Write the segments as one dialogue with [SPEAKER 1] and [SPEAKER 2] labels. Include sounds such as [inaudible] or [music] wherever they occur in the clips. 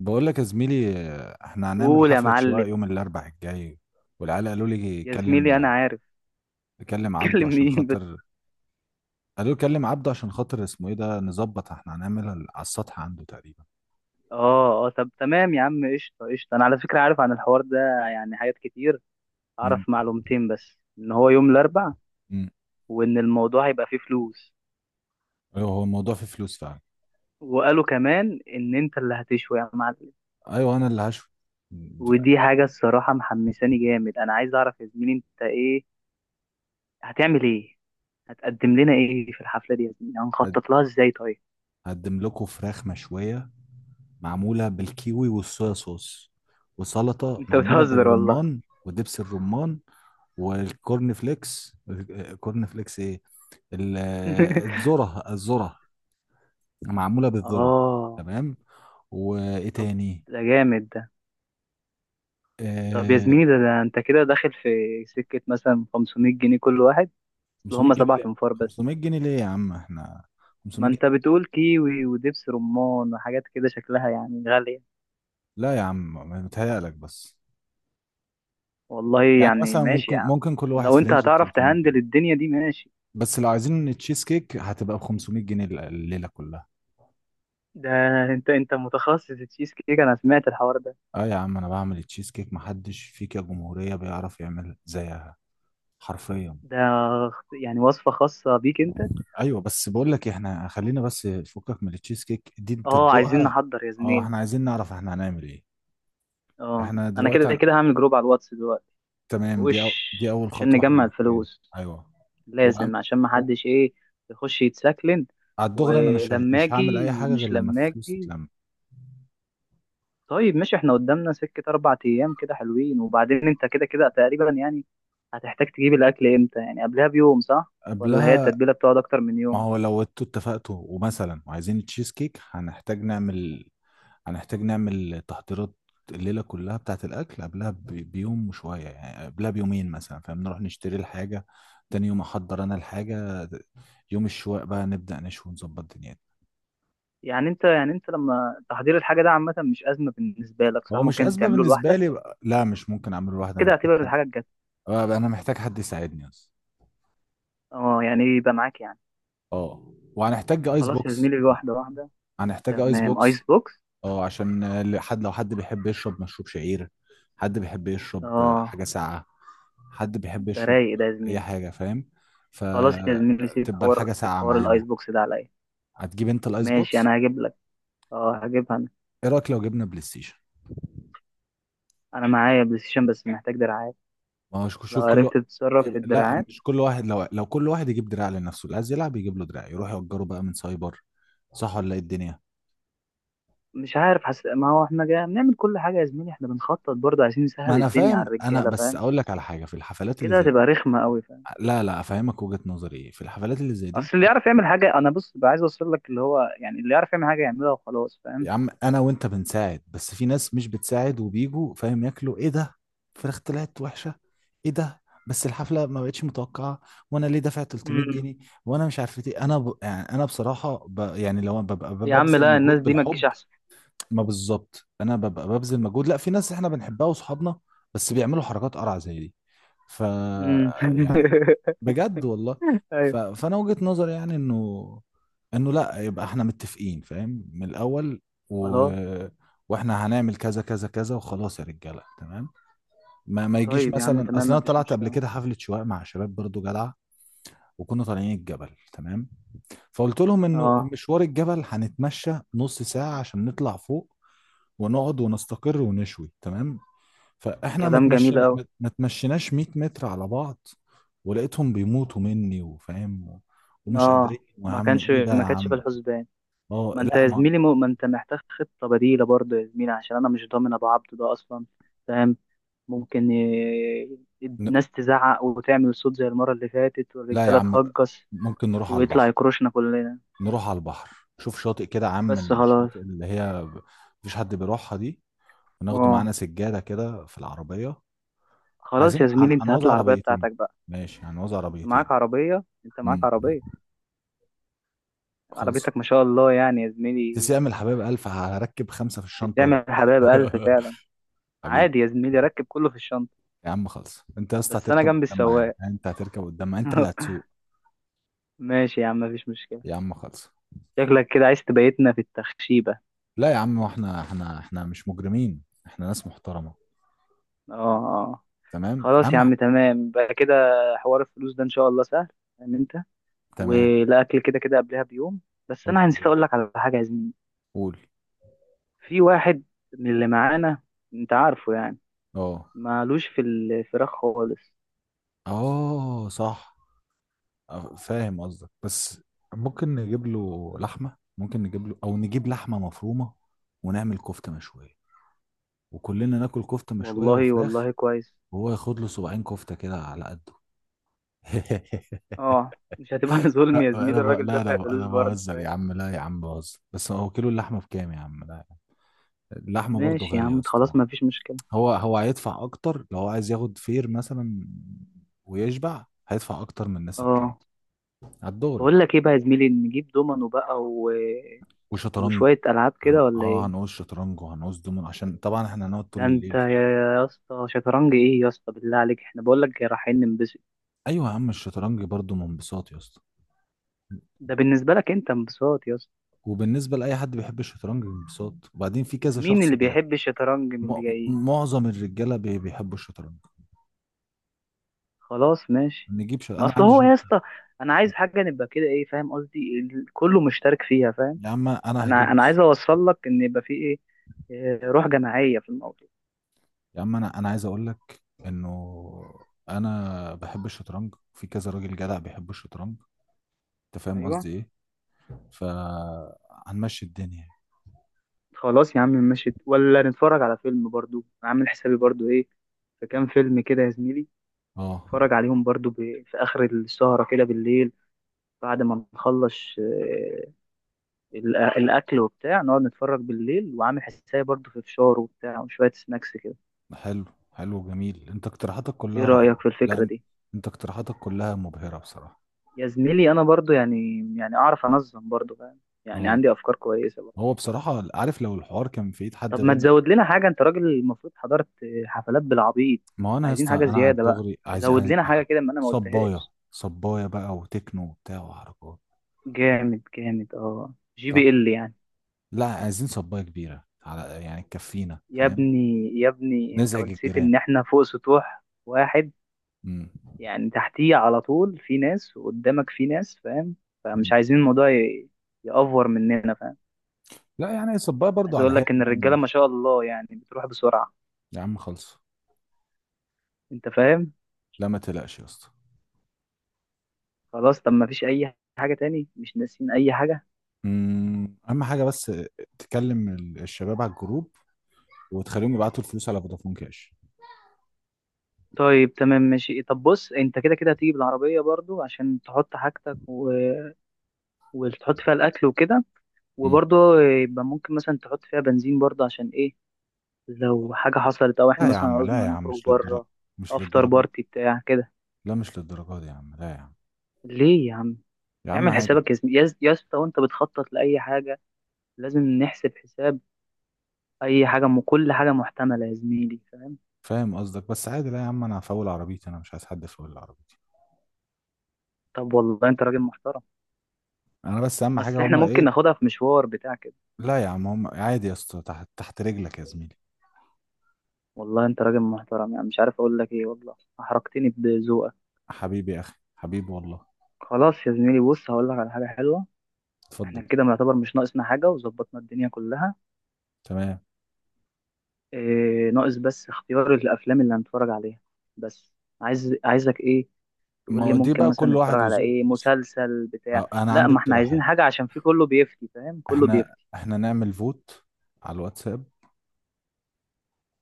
[SPEAKER 1] بقول لك يا زميلي، احنا هنعمل
[SPEAKER 2] قول يا
[SPEAKER 1] حفلة
[SPEAKER 2] معلم.
[SPEAKER 1] شواء يوم الأربع الجاي. والعيال قالوا لي
[SPEAKER 2] يا
[SPEAKER 1] كلم
[SPEAKER 2] زميلي انا عارف.
[SPEAKER 1] كلم
[SPEAKER 2] [laughs]
[SPEAKER 1] عبده
[SPEAKER 2] تكلم
[SPEAKER 1] عشان
[SPEAKER 2] مين بس؟
[SPEAKER 1] خاطر. قالوا لي كلم عبده عشان خاطر اسمه ايه ده نظبط. احنا هنعملها على السطح عنده تقريبا.
[SPEAKER 2] اه، طب تمام يا عم، قشطه قشطه، انا على فكره عارف عن الحوار ده، يعني حاجات كتير.
[SPEAKER 1] امم
[SPEAKER 2] اعرف معلومتين بس، ان هو يوم الاربع،
[SPEAKER 1] امم
[SPEAKER 2] وان الموضوع هيبقى فيه فلوس.
[SPEAKER 1] ايوه، هو الموضوع فيه فلوس فعلا.
[SPEAKER 2] وقالوا كمان ان انت اللي هتشوي يا معلم.
[SPEAKER 1] ايوه، انا اللي هشوي.
[SPEAKER 2] ودي حاجه الصراحه محمساني جامد. انا عايز اعرف يا زميلي انت ايه، هتعمل ايه؟ هتقدم لنا ايه في الحفله دي يا زميلي؟ هنخطط لها ازاي طيب؟
[SPEAKER 1] هقدم لكم فراخ مشوية، معمولة بالكيوي والصويا صوص،
[SPEAKER 2] [laughs]
[SPEAKER 1] وسلطة
[SPEAKER 2] انت
[SPEAKER 1] معمولة
[SPEAKER 2] بتهزر والله.
[SPEAKER 1] بالرمان ودبس الرمان، والكورن فليكس. كورن فليكس ايه؟ ال-
[SPEAKER 2] [laughs]
[SPEAKER 1] الذرة. معمولة بالذرة.
[SPEAKER 2] اه،
[SPEAKER 1] تمام. وايه
[SPEAKER 2] طب
[SPEAKER 1] تاني؟
[SPEAKER 2] ده جامد. طب يا
[SPEAKER 1] آه.
[SPEAKER 2] زميلي ده انت كده داخل في سكة مثلا 500 جنيه كل واحد، اللي
[SPEAKER 1] 500
[SPEAKER 2] هم
[SPEAKER 1] جنيه
[SPEAKER 2] سبعة
[SPEAKER 1] ليه؟
[SPEAKER 2] انفار بس.
[SPEAKER 1] 500 جنيه ليه يا عم؟ احنا
[SPEAKER 2] ما
[SPEAKER 1] 500
[SPEAKER 2] انت
[SPEAKER 1] جنيه
[SPEAKER 2] بتقول كيوي ودبس رمان وحاجات كده شكلها يعني غالية.
[SPEAKER 1] لا يا عم، متهيألك بس.
[SPEAKER 2] والله
[SPEAKER 1] يعني
[SPEAKER 2] يعني
[SPEAKER 1] مثلا
[SPEAKER 2] ماشي
[SPEAKER 1] ممكن
[SPEAKER 2] يا عم،
[SPEAKER 1] ممكن كل واحد
[SPEAKER 2] لو
[SPEAKER 1] في
[SPEAKER 2] انت
[SPEAKER 1] رينج
[SPEAKER 2] هتعرف
[SPEAKER 1] 300
[SPEAKER 2] تهندل
[SPEAKER 1] جنيه
[SPEAKER 2] الدنيا دي ماشي.
[SPEAKER 1] بس لو عايزين تشيز كيك هتبقى ب 500 جنيه الليلة كلها.
[SPEAKER 2] ده انت متخصص تشيز كيك، انا سمعت الحوار ده.
[SPEAKER 1] اه يا عم، انا بعمل التشيز كيك محدش فيك يا جمهورية بيعرف يعمل زيها. حرفيا.
[SPEAKER 2] ده يعني وصفة خاصة بيك انت؟
[SPEAKER 1] ايوه، بس بقول لك إيه، احنا خلينا بس، فكك من التشيز كيك دي انت
[SPEAKER 2] اه عايزين
[SPEAKER 1] تدوقها.
[SPEAKER 2] نحضر يا
[SPEAKER 1] اه،
[SPEAKER 2] زميلي.
[SPEAKER 1] احنا عايزين نعرف احنا هنعمل ايه.
[SPEAKER 2] اه
[SPEAKER 1] احنا
[SPEAKER 2] انا
[SPEAKER 1] دلوقتي
[SPEAKER 2] كده
[SPEAKER 1] عن...
[SPEAKER 2] كده هعمل جروب على الواتس دلوقتي.
[SPEAKER 1] تمام.
[SPEAKER 2] وش،
[SPEAKER 1] دي اول
[SPEAKER 2] عشان
[SPEAKER 1] خطوة احنا
[SPEAKER 2] نجمع
[SPEAKER 1] محتاجينها.
[SPEAKER 2] الفلوس.
[SPEAKER 1] ايوه. وأم...
[SPEAKER 2] لازم، عشان ما
[SPEAKER 1] و...
[SPEAKER 2] حدش ايه، يخش يتسكلن.
[SPEAKER 1] على الدغري، انا
[SPEAKER 2] ولما
[SPEAKER 1] مش هعمل اي
[SPEAKER 2] اجي
[SPEAKER 1] حاجة غير
[SPEAKER 2] ومش
[SPEAKER 1] لما
[SPEAKER 2] لما
[SPEAKER 1] الفلوس
[SPEAKER 2] اجي.
[SPEAKER 1] تتلم.
[SPEAKER 2] طيب ماشي، احنا قدامنا سكة 4 ايام كده حلوين، وبعدين انت كده كده تقريبا يعني هتحتاج تجيب الاكل امتى يعني؟ قبلها بيوم صح، ولا هي
[SPEAKER 1] قبلها.
[SPEAKER 2] التتبيلة بتقعد اكتر من
[SPEAKER 1] ما
[SPEAKER 2] يوم؟
[SPEAKER 1] هو لو انتوا اتفقتوا ومثلا وعايزين التشيز كيك، هنحتاج نعمل تحضيرات. الليلة كلها بتاعة الأكل بيوم وشوية، يعني قبلها بيومين مثلا، فاهم؟ نروح نشتري الحاجة، تاني يوم أحضر أنا الحاجة، يوم الشواء بقى نبدأ نشوي ونظبط دنيتنا.
[SPEAKER 2] يعني انت لما تحضير الحاجة ده عامة مش ازمة بالنسبة لك
[SPEAKER 1] هو
[SPEAKER 2] صح؟
[SPEAKER 1] مش
[SPEAKER 2] ممكن
[SPEAKER 1] أزمة
[SPEAKER 2] تعمله
[SPEAKER 1] بالنسبة
[SPEAKER 2] لوحدك.
[SPEAKER 1] لي بقى. لا، مش ممكن أعمل لوحدي،
[SPEAKER 2] كده
[SPEAKER 1] محتاج
[SPEAKER 2] اعتبر
[SPEAKER 1] حد.
[SPEAKER 2] الحاجة جت.
[SPEAKER 1] آه، أنا محتاج حد يساعدني أصلا.
[SPEAKER 2] اه يعني ايه، يبقى معاك يعني.
[SPEAKER 1] أه، وهنحتاج أيس
[SPEAKER 2] خلاص يا
[SPEAKER 1] بوكس.
[SPEAKER 2] زميلي، واحدة واحدة.
[SPEAKER 1] هنحتاج أيس
[SPEAKER 2] تمام
[SPEAKER 1] بوكس.
[SPEAKER 2] ايس بوكس.
[SPEAKER 1] اه، عشان حد، لو حد بيحب يشرب مشروب شعير، حد بيحب يشرب،
[SPEAKER 2] اه،
[SPEAKER 1] حاجة ساقعة، حد بيحب
[SPEAKER 2] ده
[SPEAKER 1] يشرب
[SPEAKER 2] رايق ده يا
[SPEAKER 1] أي
[SPEAKER 2] زميلي.
[SPEAKER 1] حاجة، فاهم؟
[SPEAKER 2] خلاص يا زميلي، سيب
[SPEAKER 1] فتبقى
[SPEAKER 2] حوار،
[SPEAKER 1] الحاجة
[SPEAKER 2] سيب
[SPEAKER 1] ساقعة
[SPEAKER 2] حوار الايس
[SPEAKER 1] معانا.
[SPEAKER 2] بوكس ده عليا.
[SPEAKER 1] هتجيب أنت الأيس
[SPEAKER 2] ماشي
[SPEAKER 1] بوكس؟
[SPEAKER 2] انا هجيب لك، اه هجيبها انا.
[SPEAKER 1] إيه رأيك لو جبنا بلاي ستيشن؟
[SPEAKER 2] انا معايا بلاي ستيشن بس محتاج دراعات.
[SPEAKER 1] ما هو شوف
[SPEAKER 2] لو
[SPEAKER 1] شوف
[SPEAKER 2] عرفت تتصرف في
[SPEAKER 1] يبقى لا،
[SPEAKER 2] الدراعات.
[SPEAKER 1] مش كل واحد. لو كل واحد يجيب دراع لنفسه، اللي عايز يلعب يجيب له دراع، يروح يأجره بقى من سايبر. صح ولا ايه الدنيا؟
[SPEAKER 2] مش عارف ما هو احنا جاي بنعمل كل حاجه يا زميلي، احنا بنخطط برضه عايزين
[SPEAKER 1] ما
[SPEAKER 2] نسهل
[SPEAKER 1] انا
[SPEAKER 2] الدنيا
[SPEAKER 1] فاهم،
[SPEAKER 2] على
[SPEAKER 1] انا
[SPEAKER 2] الرجاله
[SPEAKER 1] بس
[SPEAKER 2] فاهم؟
[SPEAKER 1] اقول لك على حاجه في الحفلات اللي
[SPEAKER 2] كده
[SPEAKER 1] زي دي.
[SPEAKER 2] هتبقى رخمه قوي فاهم.
[SPEAKER 1] لا لا، افهمك وجهه نظري ايه في الحفلات اللي زي
[SPEAKER 2] اصل
[SPEAKER 1] دي.
[SPEAKER 2] اللي يعرف يعمل حاجه، انا بص بقى، عايز اوصل لك اللي هو يعني اللي يعرف يعمل حاجه يعملها وخلاص فاهم.
[SPEAKER 1] يا عم، انا وانت بنساعد، بس في ناس مش بتساعد وبيجوا فاهم ياكلوا. ايه ده؟ فراخ طلعت وحشه. ايه ده؟ بس الحفله ما بقتش متوقعه. وانا ليه دافع 300
[SPEAKER 2] امم
[SPEAKER 1] جنيه وانا مش عارف ايه؟ يعني انا بصراحه، يعني لو ببقى
[SPEAKER 2] يا عم
[SPEAKER 1] ببذل
[SPEAKER 2] لا، الناس
[SPEAKER 1] مجهود
[SPEAKER 2] دي ما
[SPEAKER 1] بالحب،
[SPEAKER 2] تجيش احسن.
[SPEAKER 1] ما بالظبط، انا ببقى ببذل مجهود. لا، في ناس احنا بنحبها واصحابنا، بس بيعملوا حركات قرع زي دي. ف
[SPEAKER 2] امم
[SPEAKER 1] يعني، بجد والله.
[SPEAKER 2] [laughs] ايوه.
[SPEAKER 1] فانا وجهة نظري يعني انه لا، يبقى احنا متفقين فاهم من الاول. و...
[SPEAKER 2] خلاص.
[SPEAKER 1] واحنا هنعمل كذا كذا كذا وخلاص يا رجاله، تمام. ما يجيش.
[SPEAKER 2] طيب يا عم
[SPEAKER 1] مثلا
[SPEAKER 2] تمام،
[SPEAKER 1] اصل انا
[SPEAKER 2] مفيش
[SPEAKER 1] طلعت قبل
[SPEAKER 2] مشكله.
[SPEAKER 1] كده حفله شواء مع شباب برضو جدع، وكنا طالعين الجبل، تمام. فقلت لهم انه
[SPEAKER 2] اه
[SPEAKER 1] مشوار الجبل هنتمشى نص ساعه عشان نطلع فوق ونقعد ونستقر ونشوي، تمام. فاحنا ما
[SPEAKER 2] كلام جميل
[SPEAKER 1] تمشينا
[SPEAKER 2] قوي.
[SPEAKER 1] ما ما تمشيناش 100 متر على بعض، ولقيتهم بيموتوا مني وفاهم و- ومش قادرين.
[SPEAKER 2] اه
[SPEAKER 1] يا
[SPEAKER 2] ما
[SPEAKER 1] عم
[SPEAKER 2] كانش،
[SPEAKER 1] ايه ده يا
[SPEAKER 2] ما كانتش في
[SPEAKER 1] عم؟
[SPEAKER 2] الحسبان.
[SPEAKER 1] اه
[SPEAKER 2] ما انت
[SPEAKER 1] لا
[SPEAKER 2] يا
[SPEAKER 1] ما
[SPEAKER 2] زميلي م... ما انت محتاج خطة بديلة برضه يا زميلي، عشان انا مش ضامن ابو عبده ده اصلا فاهم. ممكن ي...
[SPEAKER 1] ن-
[SPEAKER 2] الناس تزعق وتعمل صوت زي المرة اللي فاتت،
[SPEAKER 1] لا يا
[SPEAKER 2] والرجالة
[SPEAKER 1] عم،
[SPEAKER 2] تهجص،
[SPEAKER 1] ممكن نروح على
[SPEAKER 2] ويطلع
[SPEAKER 1] البحر.
[SPEAKER 2] يكروشنا كلنا.
[SPEAKER 1] نروح على البحر، شوف شاطئ كده يا عم،
[SPEAKER 2] بس خلاص.
[SPEAKER 1] الشاطئ مفيش حد بيروحها دي، وناخده
[SPEAKER 2] اه
[SPEAKER 1] معانا سجادة كده في العربية.
[SPEAKER 2] خلاص
[SPEAKER 1] عايزين
[SPEAKER 2] يا زميلي، انت هات
[SPEAKER 1] هنوزع
[SPEAKER 2] العربية
[SPEAKER 1] عربيتين.
[SPEAKER 2] بتاعتك بقى.
[SPEAKER 1] ماشي، هنوزع
[SPEAKER 2] انت
[SPEAKER 1] عربيتين.
[SPEAKER 2] معاك عربية انت معاك
[SPEAKER 1] امم
[SPEAKER 2] عربية
[SPEAKER 1] خلص.
[SPEAKER 2] عربيتك ما شاء الله يعني يا زميلي،
[SPEAKER 1] تسلم الحبايب ألف، هركب خمسة في الشنطة ورا.
[SPEAKER 2] تستعمل حبايب ألف
[SPEAKER 1] [laughs]
[SPEAKER 2] فعلا.
[SPEAKER 1] حبيبي.
[SPEAKER 2] عادي يا زميلي، ركب كله في الشنطة.
[SPEAKER 1] يا عم خلص، انت يا اسطى
[SPEAKER 2] بس انا
[SPEAKER 1] هتركب
[SPEAKER 2] جنب
[SPEAKER 1] قدام معايا،
[SPEAKER 2] السواق.
[SPEAKER 1] انت هتركب قدام معايا، انت اللي
[SPEAKER 2] [laughs]
[SPEAKER 1] هتسوق.
[SPEAKER 2] ماشي يا عم، مفيش مشكلة.
[SPEAKER 1] يا عم خلص.
[SPEAKER 2] شكلك كده عايز تبيتنا في التخشيبة.
[SPEAKER 1] لا يا عم، احنا مش مجرمين، احنا ناس محترمة.
[SPEAKER 2] اه.
[SPEAKER 1] تمام
[SPEAKER 2] خلاص يا
[SPEAKER 1] اهم ح-
[SPEAKER 2] عم تمام بقى كده. حوار الفلوس ده ان شاء الله سهل، ان انت.
[SPEAKER 1] تمام.
[SPEAKER 2] والاكل كده كده قبلها بيوم. بس انا نسيت
[SPEAKER 1] اوكي.
[SPEAKER 2] اقول لك على حاجة يا زميلي.
[SPEAKER 1] قول.
[SPEAKER 2] في واحد من اللي معانا، انت عارفه يعني،
[SPEAKER 1] اه.
[SPEAKER 2] مالوش في الفراخ خالص.
[SPEAKER 1] اه صح. اه، فاهم قصدك، بس ممكن نجيب له لحمة، ممكن نجيب له او نجيب لحمة مفرومة ونعمل كفتة مشوية، وكلنا ناكل كفتة مشوية
[SPEAKER 2] والله
[SPEAKER 1] وفراخ،
[SPEAKER 2] والله كويس.
[SPEAKER 1] وهو ياخد له صباعين كفتة كده على قده. [laughs]
[SPEAKER 2] اه، مش هتبقى [laughs] ظلم يا زميلي، الراجل
[SPEAKER 1] لا
[SPEAKER 2] دافع
[SPEAKER 1] لا،
[SPEAKER 2] فلوس
[SPEAKER 1] انا
[SPEAKER 2] برضه
[SPEAKER 1] بهزر يا
[SPEAKER 2] فاهم.
[SPEAKER 1] عم، لا يا عم بهزر. بس هو كيلو اللحمه بكام يا عم؟ لا، اللحمه برضو
[SPEAKER 2] ماشي يا
[SPEAKER 1] غاليه يا
[SPEAKER 2] عم، خلاص
[SPEAKER 1] اسطى.
[SPEAKER 2] مفيش مشكلة.
[SPEAKER 1] هو هيدفع اكتر لو هو عايز ياخد فير مثلا ويشبع، هيدفع اكتر من الناس التانية.
[SPEAKER 2] اه
[SPEAKER 1] على الدوري.
[SPEAKER 2] بقول لك ايه بقى يا زميلي، نجيب دومينو بقى
[SPEAKER 1] وشطرنج.
[SPEAKER 2] وشوية ألعاب
[SPEAKER 1] هن...
[SPEAKER 2] كده ولا
[SPEAKER 1] اه
[SPEAKER 2] إيه؟
[SPEAKER 1] هنقول شطرنج وهنقول دومين، عشان طبعا احنا هنقعد
[SPEAKER 2] ده
[SPEAKER 1] طول
[SPEAKER 2] أنت
[SPEAKER 1] الليل.
[SPEAKER 2] يا اسطى، شطرنج إيه يا اسطى بالله عليك، إحنا بقولك رايحين ننبسط.
[SPEAKER 1] ايوه يا عم، الشطرنج برضو من انبساط يا اسطى.
[SPEAKER 2] ده بالنسبة لك أنت انبساط يا اسطى.
[SPEAKER 1] وبالنسبه لاي حد بيحب الشطرنج انبساط، وبعدين في كذا
[SPEAKER 2] مين
[SPEAKER 1] شخص
[SPEAKER 2] اللي
[SPEAKER 1] بيلاقي.
[SPEAKER 2] بيحب الشطرنج من
[SPEAKER 1] م...
[SPEAKER 2] اللي جايين؟
[SPEAKER 1] معظم الرجاله بيحبوا الشطرنج.
[SPEAKER 2] خلاص ماشي. ما
[SPEAKER 1] انا
[SPEAKER 2] أصل
[SPEAKER 1] عندي
[SPEAKER 2] هو يا اسطى، أنا عايز حاجة نبقى كده إيه، فاهم قصدي، كله مشترك فيها فاهم.
[SPEAKER 1] يا عم انا هجيب،
[SPEAKER 2] أنا عايز
[SPEAKER 1] بص
[SPEAKER 2] أوصل لك إن يبقى في إيه إيه، روح جماعية في الموضوع.
[SPEAKER 1] يا عم، انا عايز اقول لك انه انا بحب الشطرنج، في كذا راجل جدع بيحب الشطرنج. انت فاهم
[SPEAKER 2] أيوه.
[SPEAKER 1] قصدي ايه؟ فهنمشي الدنيا.
[SPEAKER 2] خلاص يا عم ماشي، ولا نتفرج على فيلم برضو عامل حسابي برضو إيه؟ في كام فيلم كده يا زميلي
[SPEAKER 1] اه.
[SPEAKER 2] اتفرج عليهم برضو في اخر السهره كده بالليل، بعد ما نخلص الاكل وبتاع، نقعد نتفرج بالليل، وعامل حسابي برضو في فشار وبتاع وشويه سناكس كده.
[SPEAKER 1] حلو. حلو جميل، انت اقتراحاتك
[SPEAKER 2] ايه
[SPEAKER 1] كلها
[SPEAKER 2] رايك
[SPEAKER 1] رائعة.
[SPEAKER 2] في
[SPEAKER 1] لا
[SPEAKER 2] الفكره
[SPEAKER 1] انت،
[SPEAKER 2] دي؟
[SPEAKER 1] انت اقتراحاتك كلها مبهرة بصراحة.
[SPEAKER 2] يا زميلي انا برضو يعني، يعني اعرف انظم برضو فاهم، يعني
[SPEAKER 1] اه.
[SPEAKER 2] عندي افكار كويسه برضو.
[SPEAKER 1] هو بصراحة، عارف لو الحوار كان في ايد حد
[SPEAKER 2] طب ما
[SPEAKER 1] غير.
[SPEAKER 2] تزود لنا حاجه، انت راجل المفروض حضرت حفلات بالعبيط.
[SPEAKER 1] ما هو انا يا
[SPEAKER 2] عايزين
[SPEAKER 1] اسطى،
[SPEAKER 2] حاجه
[SPEAKER 1] انا على
[SPEAKER 2] زياده بقى،
[SPEAKER 1] الدغري عايز
[SPEAKER 2] زود
[SPEAKER 1] عايز
[SPEAKER 2] لنا حاجه كده ما انا ما
[SPEAKER 1] صباية
[SPEAKER 2] قلتهاش.
[SPEAKER 1] صباية بقى، وتكنو وبتاع وحركات.
[SPEAKER 2] جامد اه، جي بي
[SPEAKER 1] صح.
[SPEAKER 2] ال يعني.
[SPEAKER 1] لا، عايزين صباية كبيرة على يعني تكفينا،
[SPEAKER 2] يا
[SPEAKER 1] فاهم؟
[SPEAKER 2] ابني يا ابني انت
[SPEAKER 1] نزعج
[SPEAKER 2] نسيت
[SPEAKER 1] الجيران.
[SPEAKER 2] ان احنا فوق سطوح واحد،
[SPEAKER 1] مم.
[SPEAKER 2] يعني تحتيه على طول في ناس، وقدامك في ناس فاهم.
[SPEAKER 1] مم.
[SPEAKER 2] فمش عايزين الموضوع يأفور مننا فاهم.
[SPEAKER 1] لا، يعني صباية برضو
[SPEAKER 2] عايز
[SPEAKER 1] على
[SPEAKER 2] اقول
[SPEAKER 1] هادي،
[SPEAKER 2] لك ان
[SPEAKER 1] يعني
[SPEAKER 2] الرجاله ما
[SPEAKER 1] مش.
[SPEAKER 2] شاء الله يعني بتروح بسرعه،
[SPEAKER 1] يا عم خلص.
[SPEAKER 2] انت فاهم.
[SPEAKER 1] لا ما تقلقش يا اسطى.
[SPEAKER 2] خلاص، طب ما فيش اي حاجه تاني مش ناسين اي حاجه؟
[SPEAKER 1] مم. اهم حاجة بس، تكلم الشباب على الجروب وتخليهم يبعتوا الفلوس على فودافون كاش.
[SPEAKER 2] طيب تمام ماشي، طب بص انت كده كده هتيجي بالعربيه برضو عشان تحط حاجتك وتحط فيها الاكل وكده،
[SPEAKER 1] مم.
[SPEAKER 2] وبرضو يبقى ممكن مثلا تحط فيها بنزين برضو، عشان ايه، لو حاجة حصلت أو
[SPEAKER 1] لا
[SPEAKER 2] إحنا
[SPEAKER 1] يا
[SPEAKER 2] مثلا
[SPEAKER 1] عم، لا
[SPEAKER 2] عاوزنا
[SPEAKER 1] يا عم،
[SPEAKER 2] نخرج
[SPEAKER 1] مش للدرجة.
[SPEAKER 2] بره،
[SPEAKER 1] مش
[SPEAKER 2] أفطر
[SPEAKER 1] للدرجة.
[SPEAKER 2] بارتي بتاع كده.
[SPEAKER 1] لا، مش للدرجة دي يا عم، لا يا عم.
[SPEAKER 2] ليه يا عم؟
[SPEAKER 1] يا عم
[SPEAKER 2] اعمل
[SPEAKER 1] عادي.
[SPEAKER 2] حسابك يا زمي- يا يا اسطى وأنت بتخطط لأي حاجة لازم نحسب حساب أي حاجة كل حاجة محتملة يا زميلي فاهم؟
[SPEAKER 1] فاهم قصدك، بس عادي، لا يا عم، انا هفول عربيتي، انا مش عايز حد يفول عربيتي.
[SPEAKER 2] طب والله أنت راجل محترم،
[SPEAKER 1] انا بس اهم حاجة
[SPEAKER 2] أصل إحنا
[SPEAKER 1] هما
[SPEAKER 2] ممكن
[SPEAKER 1] ايه.
[SPEAKER 2] ناخدها في مشوار بتاع كده.
[SPEAKER 1] لا يا عم، هم عادي يا اسطى، تحت تحت رجلك يا زميلي.
[SPEAKER 2] والله أنت راجل محترم، يعني مش عارف أقول لك إيه، والله أحرجتني بذوقك.
[SPEAKER 1] حبيبي يا اخي، حبيبي والله.
[SPEAKER 2] خلاص يا زميلي، بص هقول لك على حاجة حلوة.
[SPEAKER 1] اتفضل.
[SPEAKER 2] إحنا كده يعتبر مش ناقصنا حاجة وظبطنا الدنيا كلها.
[SPEAKER 1] تمام.
[SPEAKER 2] إيه ناقص بس اختيار الافلام اللي هنتفرج عليها بس. عايزك ايه،
[SPEAKER 1] ما
[SPEAKER 2] تقول لي
[SPEAKER 1] هو دي
[SPEAKER 2] ممكن
[SPEAKER 1] بقى
[SPEAKER 2] مثلا
[SPEAKER 1] كل
[SPEAKER 2] نتفرج
[SPEAKER 1] واحد
[SPEAKER 2] على
[SPEAKER 1] وذوقه.
[SPEAKER 2] ايه،
[SPEAKER 1] بص،
[SPEAKER 2] مسلسل بتاع.
[SPEAKER 1] أه، انا
[SPEAKER 2] لا
[SPEAKER 1] عندي
[SPEAKER 2] ما احنا عايزين
[SPEAKER 1] اقتراحات.
[SPEAKER 2] حاجه، عشان في كله بيفتي فاهم، كله
[SPEAKER 1] احنا
[SPEAKER 2] بيفتي.
[SPEAKER 1] احنا نعمل فوت على الواتساب.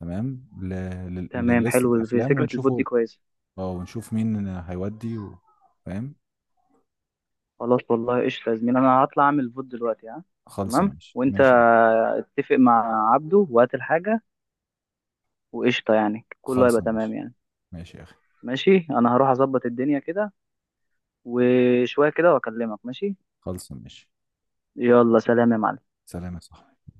[SPEAKER 1] تمام ل...
[SPEAKER 2] تمام
[SPEAKER 1] للستة
[SPEAKER 2] حلو، في
[SPEAKER 1] افلام
[SPEAKER 2] فكره الفوت دي
[SPEAKER 1] ونشوفه.
[SPEAKER 2] كويسه.
[SPEAKER 1] اه، ونشوف مين هيودي فاهم.
[SPEAKER 2] خلاص والله قشطه يا زميلي، انا هطلع اعمل فوت دلوقتي ها.
[SPEAKER 1] خالصه،
[SPEAKER 2] تمام،
[SPEAKER 1] ماشي
[SPEAKER 2] وانت
[SPEAKER 1] ماشي.
[SPEAKER 2] اتفق مع عبده وهات الحاجه، وقشطه يعني كله هيبقى
[SPEAKER 1] خالصه
[SPEAKER 2] تمام
[SPEAKER 1] ماشي.
[SPEAKER 2] يعني.
[SPEAKER 1] ماشي يا اخي.
[SPEAKER 2] ماشي، انا هروح اظبط الدنيا كده، وشويه كده واكلمك ماشي.
[SPEAKER 1] خالصه ماشي.
[SPEAKER 2] يلا سلام يا معلم.
[SPEAKER 1] سلام يا صاحبي.